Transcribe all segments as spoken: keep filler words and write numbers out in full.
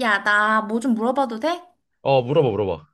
야, 나 뭐 좀 물어봐도 돼? 어, 물어봐, 물어봐.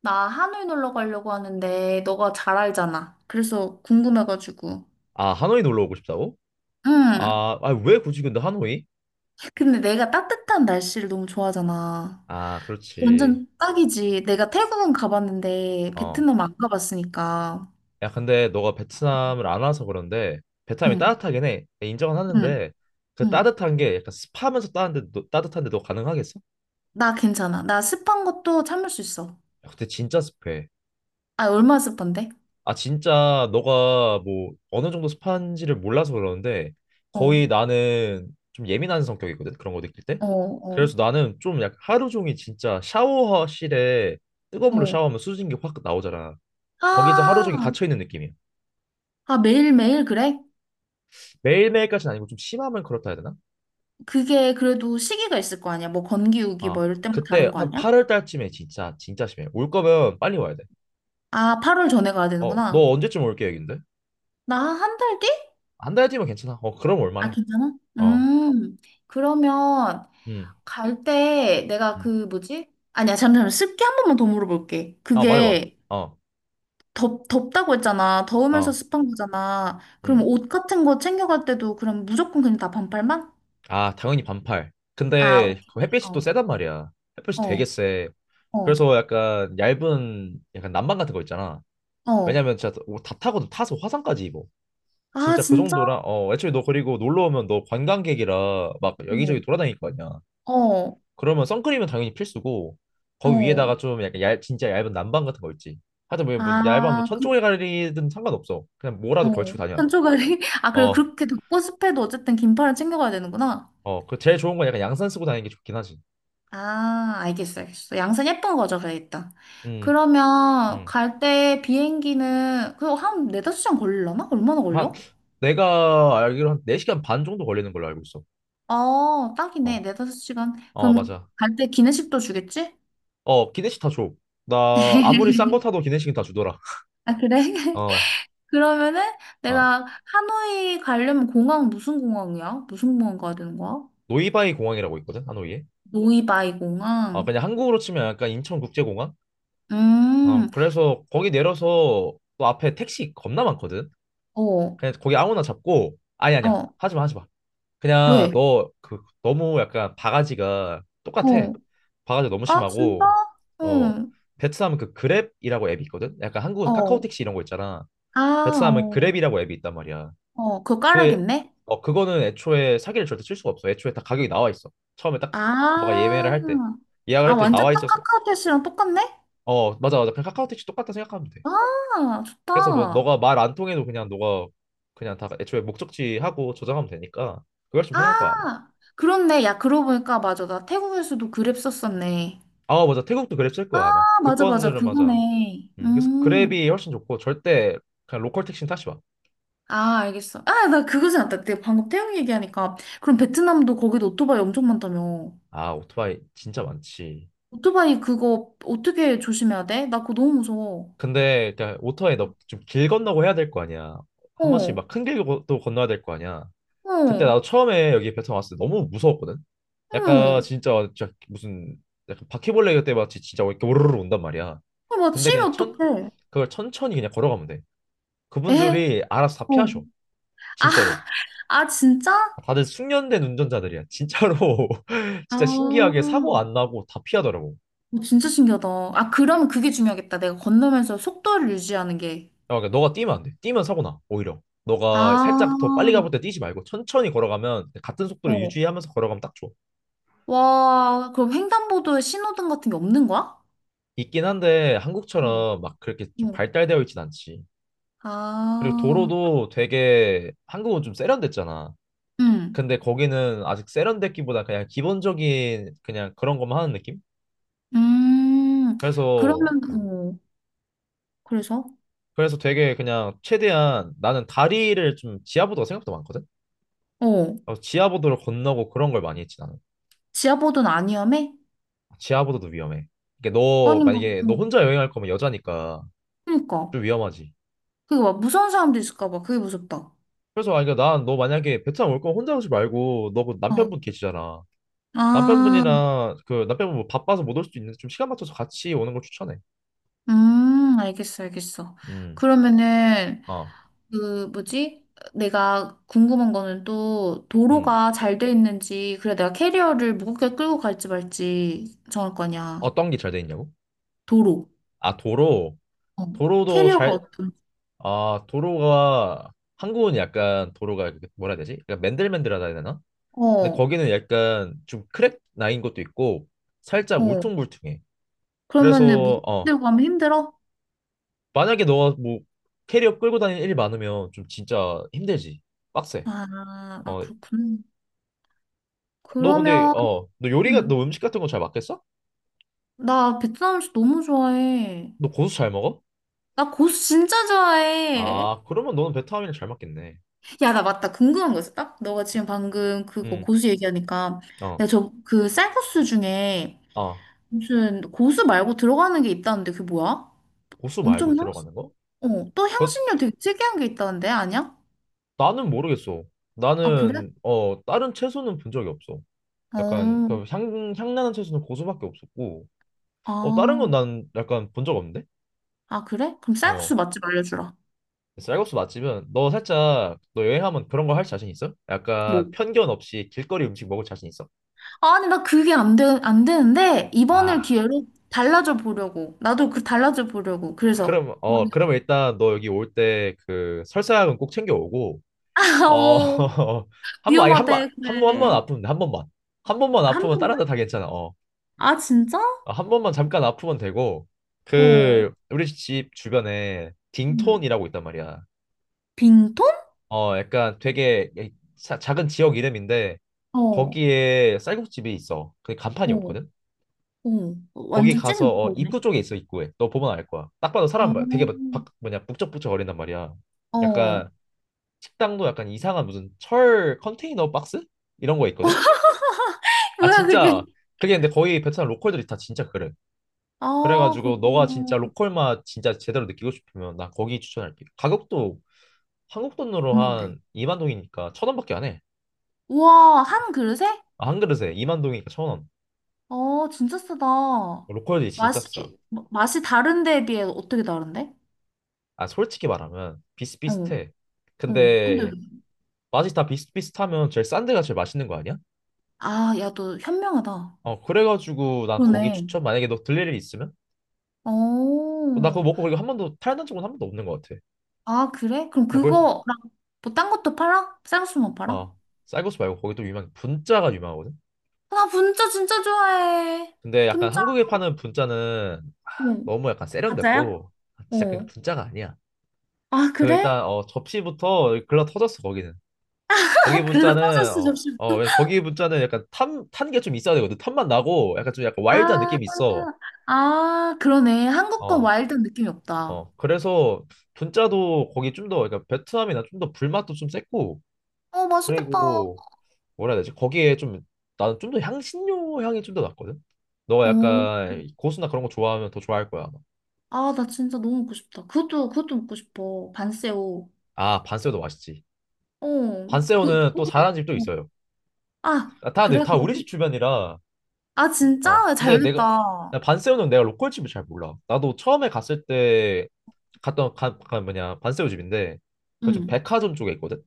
나 하노이 놀러 가려고 하는데 너가 잘 알잖아. 그래서 궁금해가지고. 아, 하노이 놀러 오고 싶다고? 응. 아, 아, 왜 굳이 근데 하노이? 근데 내가 따뜻한 날씨를 너무 좋아하잖아. 아, 그렇지. 완전 딱이지. 내가 태국은 가봤는데 어. 베트남 안 가봤으니까. 야, 근데 너가 베트남을 안 와서 그런데 베트남이 응, 따뜻하긴 해. 내 인정은 응, 하는데 그 응. 따뜻한 게 약간 습하면서 따뜻한데, 따뜻한데 너 가능하겠어? 나 괜찮아. 나 습한 것도 참을 수 있어. 야, 근데 진짜 습해. 아, 얼마나 습한데? 아, 진짜 너가 뭐 어느 정도 습한지를 몰라서 그러는데 어, 거의 나는 좀 예민한 성격이거든. 그런 거 느낄 때. 어, 어, 그래서 나는 좀 약 하루 종일 진짜 샤워실에 뜨거운 물로 어. 샤워하면 수증기 확 나오잖아. 거기서 하루 아, 종일 갇혀 있는 느낌이야. 아, 매일매일 그래? 매일매일까지는 아니고 좀 심하면 그렇다 해야 되나? 그게 그래도 시기가 있을 거 아니야? 뭐 건기우기 아, 뭐 이럴 때만 그때 다른 거 한 아니야? 팔 월 달쯤에 진짜 진짜 심해. 올 거면 빨리 와야 돼. 아, 팔월 전에 가야 어, 너 되는구나. 언제쯤 올 계획인데? 나 한 달 뒤? 한 달 뒤면 괜찮아. 어, 그럼 아, 올만해. 괜찮아? 어. 음, 그러면 음. 갈 때 내가 음. 그 뭐지? 아니야, 잠시만. 습기 한 번만 더 물어볼게. 아, 말해 봐. 그게 어. 덥, 덥다고 했잖아. 더우면서 어. 습한 거잖아. 그럼 음. 옷 같은 거 챙겨갈 때도 그럼 무조건 그냥 다 반팔만? 아, 당연히 반팔. 아, 근데 오케이. 그 햇빛이 또 어, 세단 말이야. 햇빛이 되게 어, 세. 어, 그래서 약간 얇은 약간 난방 같은 거 있잖아. 어. 왜냐면 진짜 다 타거든. 타서 화상까지 입어. 아, 진짜 그 진짜? 정도라. 어, 애초에 너 그리고 놀러 오면 너 관광객이라 막 어, 여기저기 돌아다닐 거 아니야. 어, 그러면 선크림은 당연히 필수고 거기 어. 위에다가 좀 약간 얇, 진짜 얇은 난방 같은 거 있지. 하여튼 뭐, 뭐 얇은 뭐 아, 천 그, 조개 가리든 상관없어. 그냥 어. 뭐라도 걸치고 다녀야 돼. 한초가리? 아, 그래. 어, 그렇게 덥고 습해도 어쨌든 긴팔을 챙겨가야 되는구나. 어, 그 제일 좋은 건 약간 양산 쓰고 다니는 게 좋긴 하지. 아, 알겠어, 알겠어. 양산 예쁜 거죠, 그래야겠다. 음, 그러면 음. 갈 때 비행기는 그거 한 네다섯 시간 걸리려나? 얼마나 한 걸려? 내가 알기로 한 네 시간 반 정도 걸리는 걸로 알고 있어. 어, 딱이네. 어. 네다섯 시간. 어, 그럼 맞아. 갈 때 기내식도 주겠지? 어, 기내식 다 줘. 나 아무리 싼 거 타도 기내식은 다 주더라. 아, 그래? 어. 그러면은 아. 내가 하노이 가려면 공항 무슨 공항이야? 무슨 공항 가야 되는 거야? 노이바이 공항이라고 있거든. 하노이에. 노이바이 아, 공항. 그냥 한국으로 치면 약간 인천국제공항? 어, 음, 그래서 거기 내려서 또 앞에 택시 겁나 많거든. 어, 그냥 거기 아무나 잡고 아니 아니야. 어, 하지 마, 하지 마. 그냥 왜? 너 그 너무 약간 바가지가 똑같아. 어, 바가지가 너무 아, 진짜? 심하고. 어, 응, 베트남 그 그랩이라고 앱이 있거든. 약간 한국은 어, 카카오택시 이런 거 있잖아. 아, 베트남은 어. 그랩이라고 앱이 있단 말이야. 어, 그거 그, 깔아야겠네? 어, 그거는 애초에 사기를 절대 칠 수가 없어. 애초에 다 가격이 나와 있어. 처음에 딱 너가 예매를 아, 할 때 예약을 아, 할 때 완전 나와 딱 카 있었어. 카오톡씨랑 똑같네? 어 맞아 맞아. 그냥 카카오택시 똑같다 생각하면 돼. 아, 그래서 뭐 좋다. 너가 말 안 통해도 그냥 너가 그냥 다 애초에 목적지 하고 저장하면 되니까 그걸 좀 편할 거야 아마. 아, 그렇네. 야, 그러고 보니까 맞아. 나 태국에서도 그랩 썼었네. 아 맞아 태국도 그랩 쓸 아, 거야 아마 맞아, 맞아. 그건들은 맞아. 그거네. 음, 그래서 음. 그랩이 훨씬 좋고 절대 그냥 로컬 택시는 타지 아, 알겠어. 아, 나 그거 생각났다. 내가 방금 태국 얘기하니까. 그럼 베트남도 거기도 오토바이 엄청 많다며. 마아 오토바이 진짜 많지. 오토바이 그거 어떻게 조심해야 돼? 나 그거 너무 무서워. 근데 그냥 오토바이 너 좀 길 건너고 해야 될 거 아니야. 어, 한 번씩 어, 막 큰 길도 건너야 될 거 아니야. 그때 어 나도 처음에 여기 베트남 왔을 때 너무 무서웠거든. 약간 진짜 진짜 무슨 약간 바퀴벌레 그때 마치 진짜 이렇게 오르르 온단 말이야. 어, 막 근데 그냥 치면 천 어떡해. 그걸 천천히 그냥 걸어가면 돼. 에? 그분들이 알아서 다 어. 피하셔. 아, 진짜로. 아, 진짜? 다들 숙련된 운전자들이야. 진짜로. 아, 진짜 신기하게 어, 사고 안 나고 다 피하더라고. 진짜 신기하다. 아, 그러면 그게 중요하겠다. 내가 건너면서 속도를 유지하는 게. 야, 그러니까 너가 뛰면 안 돼. 뛰면 사고 나. 오히려. 너가 살짝 더 빨리 아, 가볼 때 뛰지 말고 천천히 걸어가면 같은 속도를 어. 유지하면서 걸어가면 딱 좋아. 와, 그럼 횡단보도에 신호등 같은 게 없는 거야? 있긴 한데 응. 한국처럼 막 그렇게 좀 응. 발달되어 있진 않지. 그리고 아, 도로도 되게 한국은 좀 세련됐잖아. 응. 근데 거기는 아직 세련됐기보다 그냥 기본적인 그냥 그런 것만 하는 느낌? 음, 그래서 그러면, 아, 어, 그래서? 그래서 되게 그냥 최대한 나는 다리를 좀 지하보도가 생각보다 많거든. 어, 그래서 지하보도를 건너고 그런 걸 많이 했지 나는. 지하보도는 아니야매? 지하보도도 위험해. 이게 너 아니, 뭐, 만약에 너 어. 혼자 여행할 거면 여자니까 그니까. 좀 위험하지. 그게 막 무서운 사람도 있을까 봐. 그게 무섭다. 그래서 아니 그러니까 난너 만약에 베트남 올 거면 혼자 오지 말고 너그 어. 남편분 계시잖아. 아. 남편분이나 그 남편분 뭐 바빠서 못 올 수도 있는데 좀 시간 맞춰서 같이 오는 걸 추천해. 음, 알겠어, 알겠어. 음. 그러면은, 어. 그, 뭐지? 내가 궁금한 거는 또, 음. 도로가 잘 돼 있는지, 그래, 내가 캐리어를 무겁게 끌고 갈지 말지 정할 거냐. 어떤 게 잘 돼 있냐고? 도로. 아 도로. 어. 도로도 캐리어가 잘. 어떤, 아, 도로가 한국은 약간 도로가 이렇게 뭐라 해야 되지? 약간 맨들맨들하다 해야 되나? 근데 어, 거기는 약간 좀 크랙 나인 것도 있고 살짝 어. 울퉁불퉁해. 그러면은, 무겁게 그래서 어, 들고 가면 힘들어? 만약에 너가 뭐 캐리어 끌고 다니는 일이 많으면 좀 진짜 힘들지. 빡세. 아, 아, 어, 그렇군. 너 근데 그러면, 어, 너 요리가 음, 너 음식 같은 거 잘 맞겠어? 나 베트남 음식 너무 좋아해. 너 고수 잘 먹어? 나 고수 진짜 좋아해. 아, 그러면 너는 베트남이랑 잘 맞겠네. 야, 나 맞다. 궁금한 거 있어. 딱 너가 지금 방금 그거 응. 고수 얘기하니까 어. 내가 저 그 쌀국수 중에 아, 무슨 고수 말고 들어가는 게 있다는데 그게 뭐야? 고수 엄청 말고 향, 들어가는 거? 어, 또 그것 향신료 되게 특이한 게 있다는데 아니야? 나는 모르겠어. 아, 그래? 나는 어 다른 채소는 본 적이 없어. 약간 어, 그 향, 향나는 채소는 고수밖에 없었고 어 다른 건 아, 난 약간 본 적 없는데? 아, 그래? 그럼 어. 쌀국수 맛집 알려주라. 쌀국수 맛집은 너 살짝 너 여행하면 그런 거 할 자신 있어? 뭐? 약간 편견 없이 길거리 음식 먹을 자신 있어? 아니, 나 그게 안 되, 안 되는데 이번을 아 기회로 달라져 보려고. 나도 그 달라져 보려고. 그래서. 그럼 막- 어 그러면 일단 너 여기 올 때 그 설사약은 꼭 챙겨오고 어. 어, 한번 아니 한번 위험하대, 한 번 한 번 그래. 아프면 돼, 한 번만. 한 번만 한 아프면 다른 번만? 데다 괜찮아 어. 아, 진짜? 아, 한 번만 잠깐 아프면 되고 어, 그 우리 집 주변에 음. 딩톤이라고 있단 말이야. 빙톤? 어 약간 되게 자- 작은 지역 이름인데 어, 어, 거기에 쌀국집이 있어. 그 간판이 없거든. 어. 거기 완전 찐 가서 어, 보컬이네. 입구 쪽에 있어 입구에. 너 보면 알 거야. 딱 봐도 사람 어, 막 되게 막 박- 뭐냐 북적북적 거린단 말이야. 어. 약간 식당도 약간 이상한 무슨 철 컨테이너 박스 이런 거 있거든. 아 뭐야, 그게? 진짜 그게 근데 거의 베트남 로컬들이 다 진짜 그래. 아, 그래가지고 너가 진짜 그렇구나. 로컬 맛 진짜 제대로 느끼고 싶으면 나 거기 추천할게. 가격도 한국 돈으로 얼만데? 한 이만 동이니까 천 원밖에 안 해. 우와, 한 그릇에? 아, 한 그릇에 이만 동이니까 천 원. 어, 진짜 싸다. 로컬이 진짜 싸. 맛이, 마- 맛이 다른 데에 비해 어떻게 다른데? 아 솔직히 말하면 어, 비슷비슷해. 어. 근데, 근데 맛이 다 비슷비슷하면 제일 싼 데가 제일 맛있는 거 아니야? 아, 야, 너 현명하다. 어 그래가지고 난 거기 그러네. 추천 만약에 너 들릴 일이 있으면. 어, 어, 나 그거 먹고 그리고 한 번도 탈난 적은 한 번도 없는 것 같아. 아, 그래? 그럼 어, 거기서 그거랑 뭐 딴 것도 팔아? 쌍수만 팔아? 어 쌀국수 말고 거기 또 유명한 게 분짜가 유명하거든. 나 분짜 진짜 좋아해. 근데 약간 분짜 한국에 파는 분짜는 어, 너무 약간 가짜야? 세련됐고 진짜 그냥 어. 분짜가 아니야. 아, 그 그래? 일단 어 접시부터 글러 터졌어 거기는. 거기 아, 글로 버 분짜는 졌어 어, 잠시만. 어 왜- 거기 분짜는 약간 탄 탄 게 좀 있어야 되거든. 탄맛 나고 약간 좀 약간 와일드한 아, 느낌이 있어. 아, 그러네. 한국 건 어 와일드한 느낌이 없다. 어. 그래서 분짜도 거기 좀 더 그러니까 베트남이나 좀 더 불맛도 좀 셌고 어, 맛있겠다. 어, 그리고 뭐라 해야 되지? 거기에 좀 나는 좀 더 향신료 향이 좀 더 났거든. 너가 약간 고수나 그런 거 좋아하면 더 좋아할 거야. 아마. 아, 나 진짜 너무 먹고 싶다. 그것도, 그것도 먹고 싶어. 반새오 아 반새우도 맛있지. 어, 그, 반새우는 또 그거는? 잘하는 집도 어. 있어요. 아, 아, 다, 내- 그래, 다 우리 집 거기. 주변이라. 아, 어, 진짜? 근데 잘 내가 나 됐다. 반세우는 내가 로컬 집을 잘 몰라. 나도 처음에 갔을 때 갔던 가, 가 뭐냐 반세우 집인데 그 좀 응. 백화점 쪽에 있거든.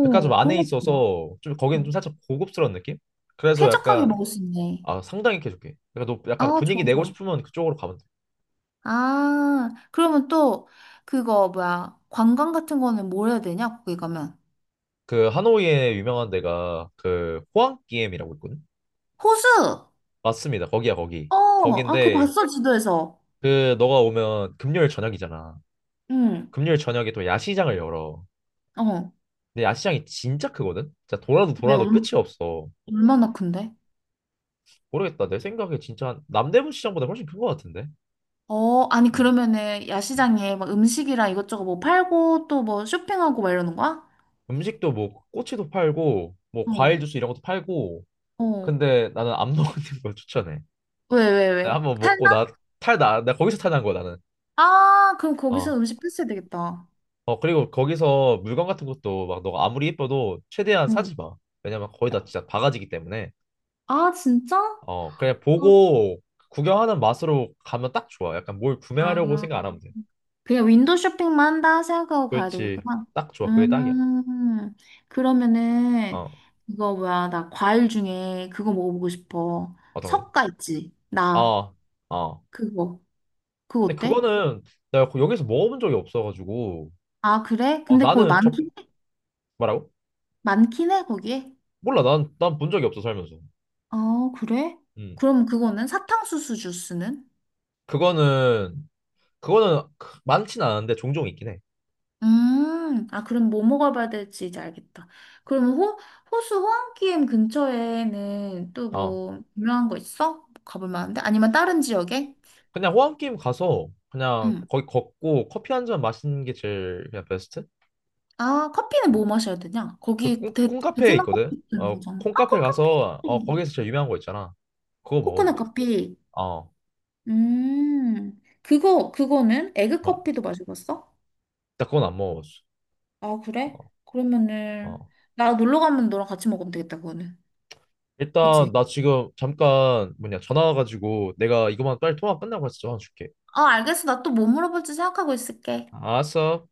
백화점 그런 안에 것도 좋아. 있어서 좀 거기는 좀 응. 살짝 고급스러운 느낌? 그래서 쾌적하게 약간 먹을 수 있네. 아 상당히 개좋게. 그러니까 너 약간 아, 좋아, 분위기 내고 좋아. 싶으면 그쪽으로 가면 돼. 아, 그러면 또 그거 뭐야? 관광 같은 거는 뭘 해야 되냐? 거기 가면. 그 하노이에 유명한 데가 그 호황기엠이라고 있거든. 호수! 맞습니다. 거기야 거기. 어, 아, 그거 거긴데 봤어, 지도에서. 그 너가 오면 금요일 저녁이잖아. 응, 금요일 저녁에 또 야시장을 열어. 어. 근데 야시장이 진짜 크거든? 진짜 돌아도 왜, 돌아도 얼- 끝이 없어. 얼마나 큰데? 모르겠다. 내 생각에 진짜 한- 남대문 시장보다 훨씬 큰 것 같은데. 어, 아니, 음. 그러면은 야시장에 막 음식이랑 이것저것 뭐 팔고 또 뭐 쇼핑하고 막 이러는 거야? 음. 식도 뭐 꼬치도 팔고 뭐 어, 과일 주스 이런 것도 팔고. 어. 근데 나는 안 먹는 걸 추천해. 왜, 왜, 내가 왜? 한번 먹고 탈나? 나 탈 나 나 거기서 탈 난 거야 나는. 아, 그럼 거기서 어. 음식 패스해야 되겠다. 어 그리고 거기서 물건 같은 것도 막 너가 아무리 예뻐도 최대한 응. 사지 마. 왜냐면 거의 다 진짜 바가지기 때문에. 아, 진짜? 어 그냥 어. 보고 구경하는 맛으로 가면 딱 좋아. 약간 뭘 구매하려고 아. 생각 안 하면 돼. 그냥 윈도우 쇼핑만 한다 생각하고 가야 그렇지. 되겠구나. 딱 좋아. 그게 딱이야. 음, 그러면은, 어, 이거 뭐야, 나 과일 중에 그거 먹어보고 싶어. 맞아. 석가 있지? 나, 어, 어. 그거. 그거 근데 어때? 그거는 내가 거- 여기서 먹어본 적이 없어가지고. 아, 그래? 어, 근데 거기 나는 첫, 많긴 해? 뭐라고? 많긴 해, 거기에? 몰라. 난, 난 본 적이 없어, 살면서. 어, 그래? 음. 그럼 그거는? 사탕수수 주스는? 그거는, 그거는 크- 많진 않은데 종종 있긴 해. 음, 아, 그럼 뭐 먹어봐야 될지 이제 알겠다. 그럼 호, 호수 호안기엠 근처에는 또 어. 뭐, 유명한 거 있어? 가볼 만한데? 아니면 다른 지역에? 그냥 호환게임 가서 그냥 응. 거기 걷고 커피 한 잔 마시는 게 제일 그냥 베스트? 아, 커피는 뭐 마셔야 되냐? 그 거기 콩, 베, 콩카페에 베트남 있거든? 커피 있는 어, 거잖아. 아, 콩카페 코코넛 가서, 어, 커피. 거기에서 제일 유명한 거 있잖아. 그거 먹으면 코코넛 돼. 커피. 어. 음, 그거, 그거는? 에그 막, 커피도 마셔봤어? 나 그건 안 먹어봤어. 아, 그래? 어. 그러면은, 어. 나 놀러 가면 너랑 같이 먹으면 되겠다, 그거는. 일단 그치? 나 지금 잠깐 뭐냐 전화 와가지고 내가 이거만 빨리 통화 끝나고 해서 전화 줄게. 어, 알겠어. 나 또 뭐 물어볼지 생각하고 있을게. 알았어.